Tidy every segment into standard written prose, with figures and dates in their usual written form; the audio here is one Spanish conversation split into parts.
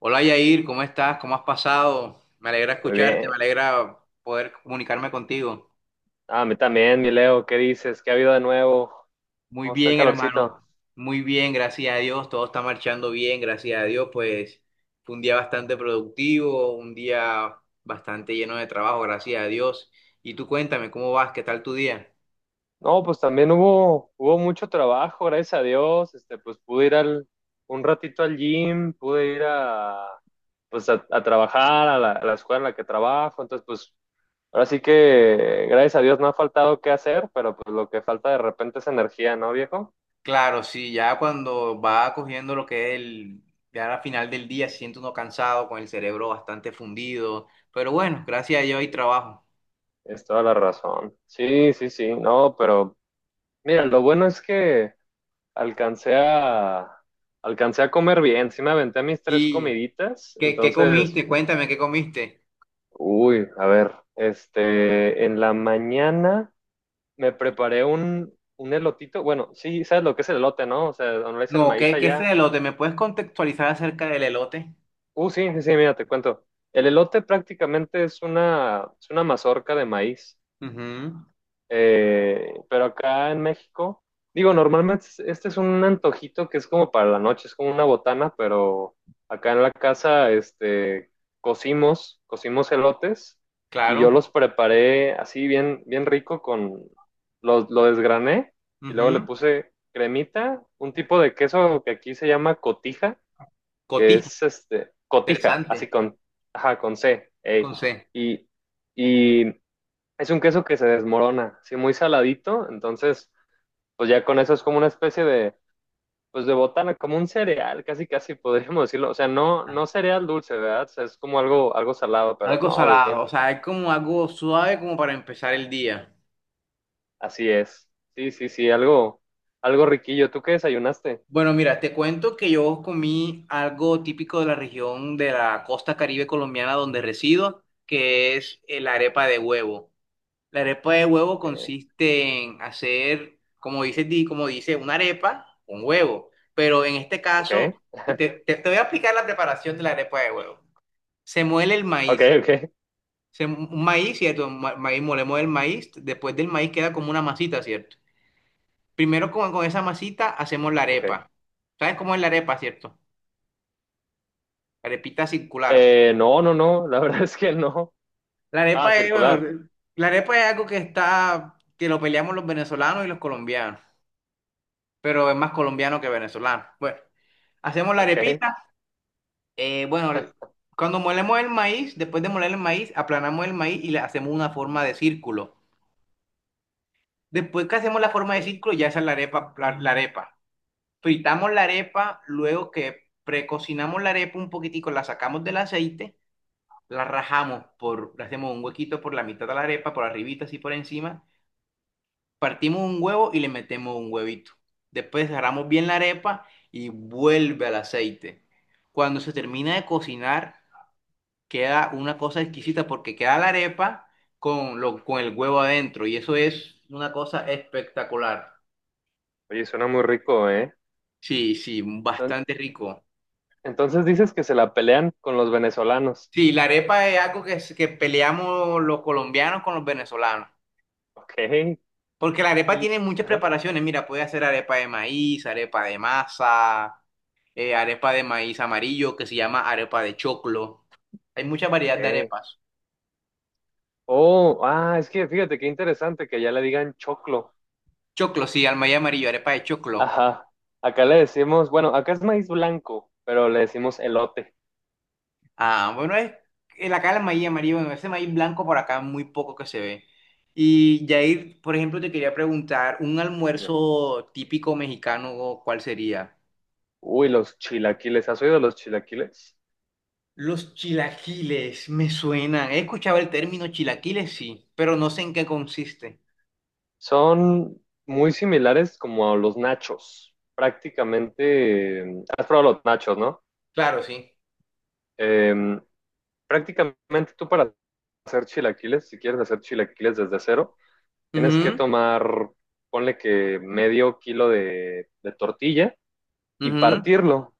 Hola Yair, ¿cómo estás? ¿Cómo has pasado? Me alegra Muy escucharte, me bien. alegra poder comunicarme contigo. Ah, a mí también, mi Leo, ¿qué dices? ¿Qué ha habido de nuevo? Muy ¿Cómo está el bien, hermano. calorcito? Muy bien, gracias a Dios. Todo está marchando bien, gracias a Dios. Pues fue un día bastante productivo, un día bastante lleno de trabajo, gracias a Dios. Y tú cuéntame, ¿cómo vas? ¿Qué tal tu día? No, pues también hubo mucho trabajo, gracias a Dios. Pues pude ir un ratito al gym, pude ir a trabajar, a la escuela en la que trabajo. Entonces, pues ahora sí que, gracias a Dios, no ha faltado qué hacer, pero pues lo que falta de repente es energía, ¿no, viejo? Claro, sí, ya cuando va cogiendo lo que es ya al final del día, se siente uno cansado, con el cerebro bastante fundido. Pero bueno, gracias a Dios hay trabajo. Es toda la razón. Sí, sí, sí, no, pero mira, lo bueno es que alcancé a, alcancé a comer bien, sí me aventé mis tres Sí. comiditas. ¿Qué comiste? Entonces, Cuéntame, ¿qué comiste? uy, a ver, en la mañana me preparé un elotito. Bueno, sí, sabes lo que es el elote, ¿no? O sea, donde le dicen No, maíz ¿qué es el allá. elote? ¿Me puedes contextualizar acerca del elote? Sí, sí, sí, mira, te cuento. El elote prácticamente es una mazorca de maíz. Ujú, Pero acá en México, digo, normalmente este es un antojito que es como para la noche, es como una botana. Pero acá en la casa, cocimos elotes y yo claro. los preparé así bien, bien rico con, los lo desgrané y luego le Ujú. puse cremita, un tipo de queso que aquí se llama cotija, que Cotiza, es cotija, interesante. Ajá, con C, ey. Con C. Y, y es un queso que se desmorona, sí, muy saladito. Entonces, pues ya con eso es como una especie pues de botana, como un cereal, casi casi podríamos decirlo, o sea, no, Ah, no cereal dulce, ¿verdad? O sea, es como algo, algo salado, pero algo no, salado, bien, o sea, es como algo suave como para empezar el día. así es. Sí, sí, sí, algo, algo riquillo. ¿Tú qué desayunaste? Bueno, mira, te cuento que yo comí algo típico de la región de la costa Caribe colombiana donde resido, que es la arepa de huevo. La arepa de huevo Eh, consiste en hacer, como dice, como dice, una arepa con huevo. Pero en este ok, caso, te voy a explicar la preparación de la arepa de huevo. Se muele el ok, maíz. ok, Se, un maíz, ¿cierto? Maíz, molemos el maíz. Después del maíz queda como una masita, ¿cierto? Primero con esa masita hacemos la ok. arepa. ¿Sabes cómo es la arepa, cierto? La arepita circular. No, no, no, la verdad es que no. La Ah, arepa es, circular, bueno, la arepa es algo que está, que lo peleamos los venezolanos y los colombianos. Pero es más colombiano que venezolano. Bueno, hacemos la ok. arepita. eh, bueno, cuando molemos el maíz, después de moler el maíz, aplanamos el maíz y le hacemos una forma de círculo. Después que hacemos la forma de Eh, círculo, ya esa es la arepa, la arepa. Fritamos la arepa, luego que precocinamos la arepa un poquitico, la sacamos del aceite, la rajamos por, le hacemos un huequito por la mitad de la arepa, por arribita así por encima. Partimos un huevo y le metemos un huevito. Después agarramos bien la arepa y vuelve al aceite. Cuando se termina de cocinar, queda una cosa exquisita porque queda la arepa con el huevo adentro y eso es una cosa espectacular. Oye, suena muy rico, ¿eh? Sí, sí, bastante rico. Entonces dices que se la pelean con los venezolanos. Sí, la arepa es algo que peleamos los colombianos con los venezolanos. Ok. Porque la arepa Y, tiene muchas ajá, preparaciones. Mira, puede hacer arepa de maíz, arepa de masa. Arepa de maíz amarillo que se llama arepa de choclo. Hay mucha variedad ok. de arepas. Oh, ah, es que fíjate qué interesante que allá le digan choclo. Choclo, sí, al maíz amarillo, arepa de choclo. Ajá. Acá le decimos, bueno, acá es maíz blanco, pero le decimos elote. Ah, bueno, es el acá el maíz amarillo, bueno, ese maíz blanco por acá muy poco que se ve. Y Jair, por ejemplo, te quería preguntar, un Dime. almuerzo típico mexicano, ¿cuál sería? Uy, los chilaquiles. ¿Has oído de los chilaquiles? Los chilaquiles me suenan. He escuchado el término chilaquiles, sí, pero no sé en qué consiste. Son muy similares como a los nachos. Prácticamente, has probado los nachos, ¿no? Claro, sí. Eh, Prácticamente tú para hacer chilaquiles, si quieres hacer chilaquiles desde cero, tienes que Ujú, tomar, ponle que medio kilo de tortilla y ujú, partirlo.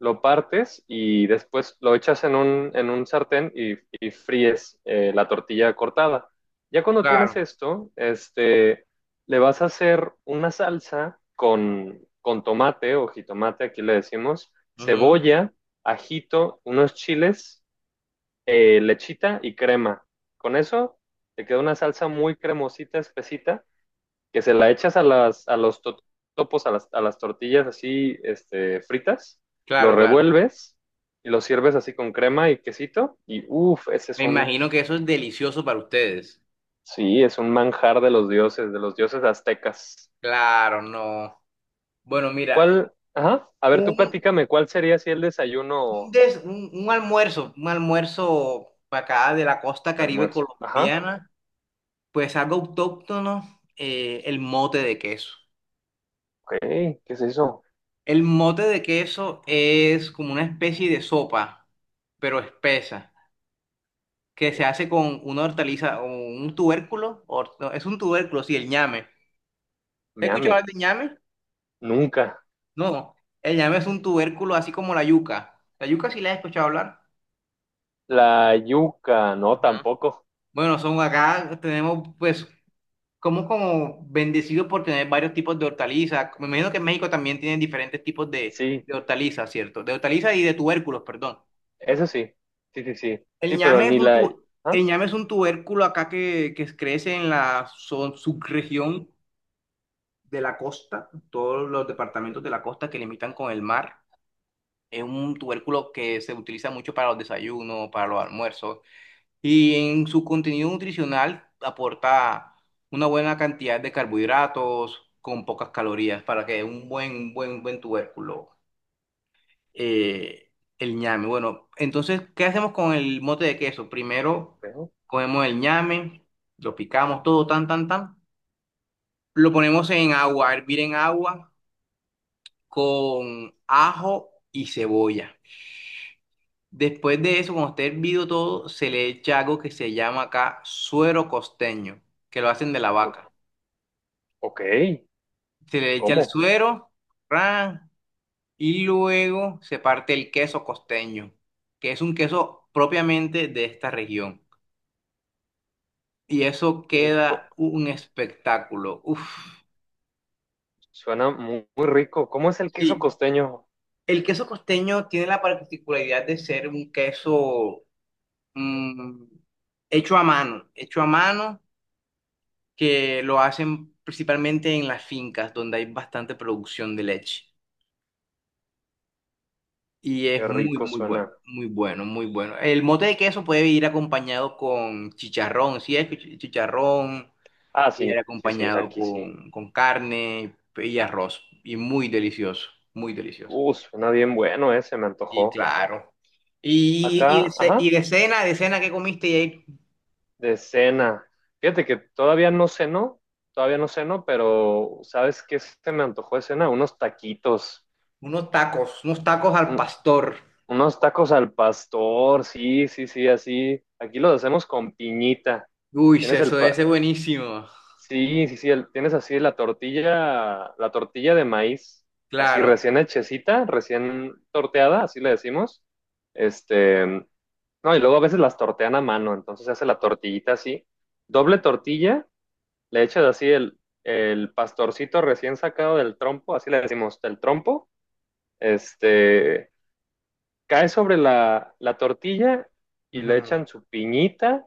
Lo partes y después lo echas en un, sartén y fríes la tortilla cortada. Ya cuando tienes claro, esto, le vas a hacer una salsa con tomate o jitomate, aquí le decimos, ujú, cebolla, ajito, unos chiles, lechita y crema. Con eso te queda una salsa muy cremosita, espesita, que se la echas a las tortillas así fritas, lo claro, claro. revuelves y lo sirves así con crema y quesito. Y uff, ese es Me un, imagino que eso es delicioso para ustedes. sí, es un manjar de los dioses aztecas. Claro, no. Bueno, mira, ¿Cuál? Ajá. A ver, un, tú platícame, ¿cuál sería si el desayuno o un almuerzo para acá de la costa Caribe almuerzo? Ajá. colombiana, pues algo autóctono, el mote de queso. Ok, ¿qué es eso? El mote de queso es como una especie de sopa, pero espesa, que se hace con una hortaliza o un tubérculo, no, es un tubérculo, sí, el ñame. ¿Has Ñame, escuchado hablar de ñame? nunca. No, el ñame es un tubérculo así como la yuca. La yuca sí la he escuchado hablar. La yuca, no, Ajá. tampoco. Bueno, son acá, tenemos pues como como bendecidos por tener varios tipos de hortalizas. Me imagino que en México también tienen diferentes tipos Sí, de hortalizas, ¿cierto? De hortalizas y de tubérculos, perdón. eso sí. Sí, sí, sí. El Sí, pero ñame es ni un la... tu- ¿Ah? el ñame es un tubérculo acá que crece en la subregión de la costa, todos los Ok. departamentos de la costa que limitan con el mar. Es un tubérculo que se utiliza mucho para los desayunos, para los almuerzos. Y en su contenido nutricional aporta una buena cantidad de carbohidratos con pocas calorías para que dé un buen tubérculo, eh, el ñame. Bueno, entonces, ¿qué hacemos con el mote de queso? Primero Pero, cogemos el ñame, lo picamos todo tan, tan, tan. Lo ponemos en agua, a hervir en agua con ajo y cebolla. Después de eso, cuando esté hervido todo, se le echa algo que se llama acá suero costeño, que lo hacen de la o- vaca. ok, Se le echa el ¿cómo? suero, ran, y luego se parte el queso costeño, que es un queso propiamente de esta región. Y eso Uh, queda co- un espectáculo. Uf. Suena muy rico. ¿Cómo es el queso Sí, costeño? el queso costeño tiene la particularidad de ser un queso mm, hecho a mano, hecho a mano, que lo hacen principalmente en las fincas donde hay bastante producción de leche. Y es Qué muy, rico muy suena. bueno, muy bueno, muy bueno. El mote de queso puede ir acompañado con chicharrón, si es chi- chicharrón, Ah, puede ir sí, sí, sí, acompañado aquí sí. Con carne y arroz. Y muy delicioso, muy delicioso. Suena bien bueno ese, me Y antojó. claro. Acá, Y ajá, de cena que comiste, y hay de cena. Fíjate que todavía no ceno, pero ¿sabes qué se me antojó de cena? Unos taquitos. Unos tacos al Un- pastor. Unos tacos al pastor, sí, sí, sí, así. Aquí los hacemos con piñita. Uy, Tienes el, eso debe pa- ser buenísimo. Sí, sí, sí, tienes así la tortilla de maíz, así Claro. recién hechecita, recién torteada, así le decimos. Este, no, y luego a veces las tortean a mano. Entonces se hace la tortillita así, doble tortilla, le echas así el pastorcito recién sacado del trompo, así le decimos, del trompo, este, cae sobre la tortilla y le Ujú. echan su piñita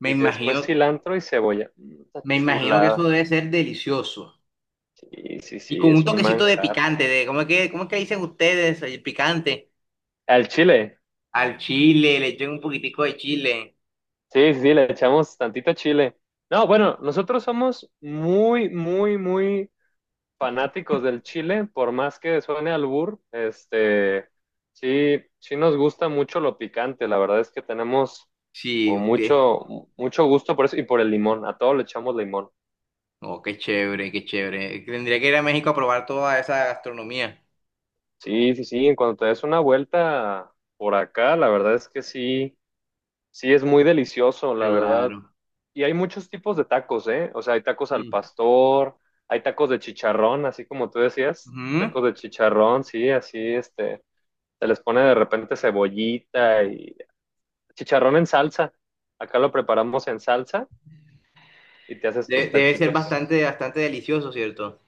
Me y después imagino, cilantro y cebolla. Está me imagino que eso chulada. debe ser delicioso. Sí, sí, Y sí, con un es un toquecito de manjar. picante, de ¿cómo es cómo es que dicen ustedes el picante? Al chile. Al chile, le echan un poquitico de chile. Sí, sí, sí, le echamos tantito chile. No, bueno, nosotros somos muy, muy, muy fanáticos del chile, por más que suene albur, sí, sí nos gusta mucho lo picante. La verdad es que tenemos como Sí, qué- mucho, mucho gusto por eso y por el limón. A todo le echamos limón. oh, qué chévere, qué chévere. Tendría que ir a México a probar toda esa gastronomía. Sí, sí, sí. En cuanto te des una vuelta por acá, la verdad es que sí, sí es muy delicioso, la verdad. Claro. Y hay muchos tipos de tacos, ¿eh? O sea, hay tacos al Sí. pastor, hay tacos de chicharrón, así como tú decías, Ujú. tacos de chicharrón, sí, así, se les pone de repente cebollita y chicharrón en salsa. Acá lo preparamos en salsa y te haces De- tus debe ser taquitos. bastante, bastante delicioso, ¿cierto?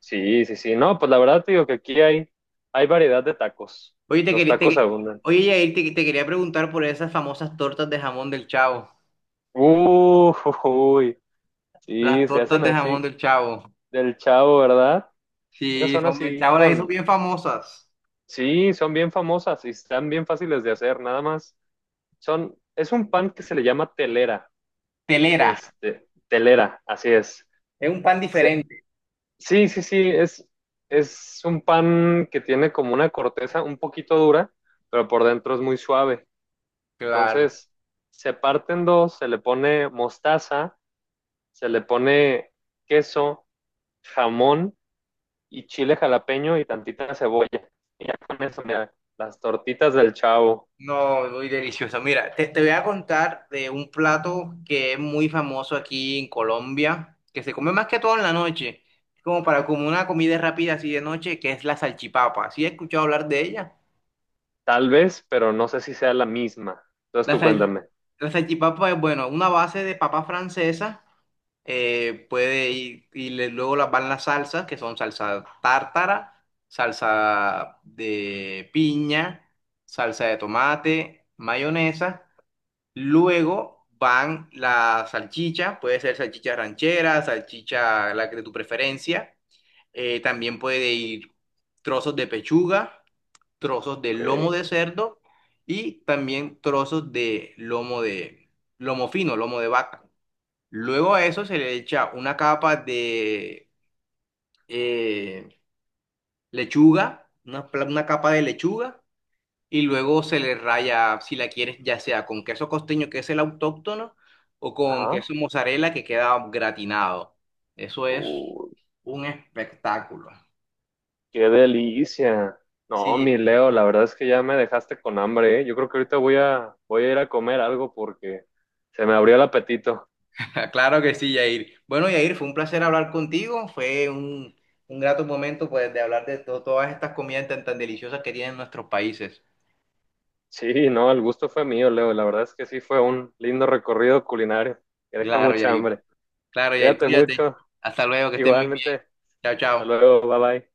Sí, sí, sí. No, pues la verdad te digo que aquí hay variedad de tacos. Oye, te Los quería, te tacos que- abundan. oye, Yair, te quería preguntar por esas famosas tortas de jamón del Chavo. Uh, Uy, Las sí, se tortas hacen de jamón así del Chavo. del chavo, ¿verdad? Esas Sí, son son, así ya ahora ahí son con, bien famosas. Sí, son bien famosas y están bien fáciles de hacer, nada más. Es un pan que se le llama telera, Telera, telera, así es. es un pan Se- diferente. sí, sí, sí, es un pan que tiene como una corteza un poquito dura, pero por dentro es muy suave. Claro. Entonces, se parte en dos, se le pone mostaza, se le pone queso, jamón y chile jalapeño y tantita cebolla. Y ya con eso, mira, las tortitas del chavo. No, muy delicioso. Mira, te voy a contar de un plato que es muy famoso aquí en Colombia, que se come más que todo en la noche, como para como una comida rápida así de noche, que es la salchipapa. ¿Sí he escuchado hablar de ella? Tal vez, pero no sé si sea la misma. Entonces La, tú sal- cuéntame. la salchipapa es, bueno, una base de papa francesa. Puede ir, luego las van las salsas, que son salsa tártara, salsa de piña, salsa de tomate, mayonesa. Luego van la salchicha, puede ser salchicha ranchera, salchicha la que de tu preferencia. También puede ir trozos de pechuga, trozos de Ok. lomo de cerdo y también trozos de lomo fino, lomo de vaca. Luego a eso se le echa una capa de eh, lechuga, una capa de lechuga, y luego se le raya, si la quieres, ya sea con queso costeño, que es el autóctono, o con Ajá. queso mozzarella, que queda gratinado. Eso es Uy, un espectáculo. qué delicia. No, mi Sí, Leo, la verdad es que ya me dejaste con hambre, ¿eh? Yo creo que ahorita voy a ir a comer algo porque se me abrió el apetito. claro que sí, Yair. Bueno, Yair, fue un placer hablar contigo. Fue un grato momento pues, de hablar de todas estas comidas tan, tan deliciosas que tienen nuestros países. Sí, no, el gusto fue mío, Leo. La verdad es que sí fue un lindo recorrido culinario que deja Claro, mucha Yair. hambre. Claro, Yair, Cuídate cuídate. mucho. Hasta luego, que estén muy bien. Igualmente. Chao, Hasta chao. luego. Bye bye.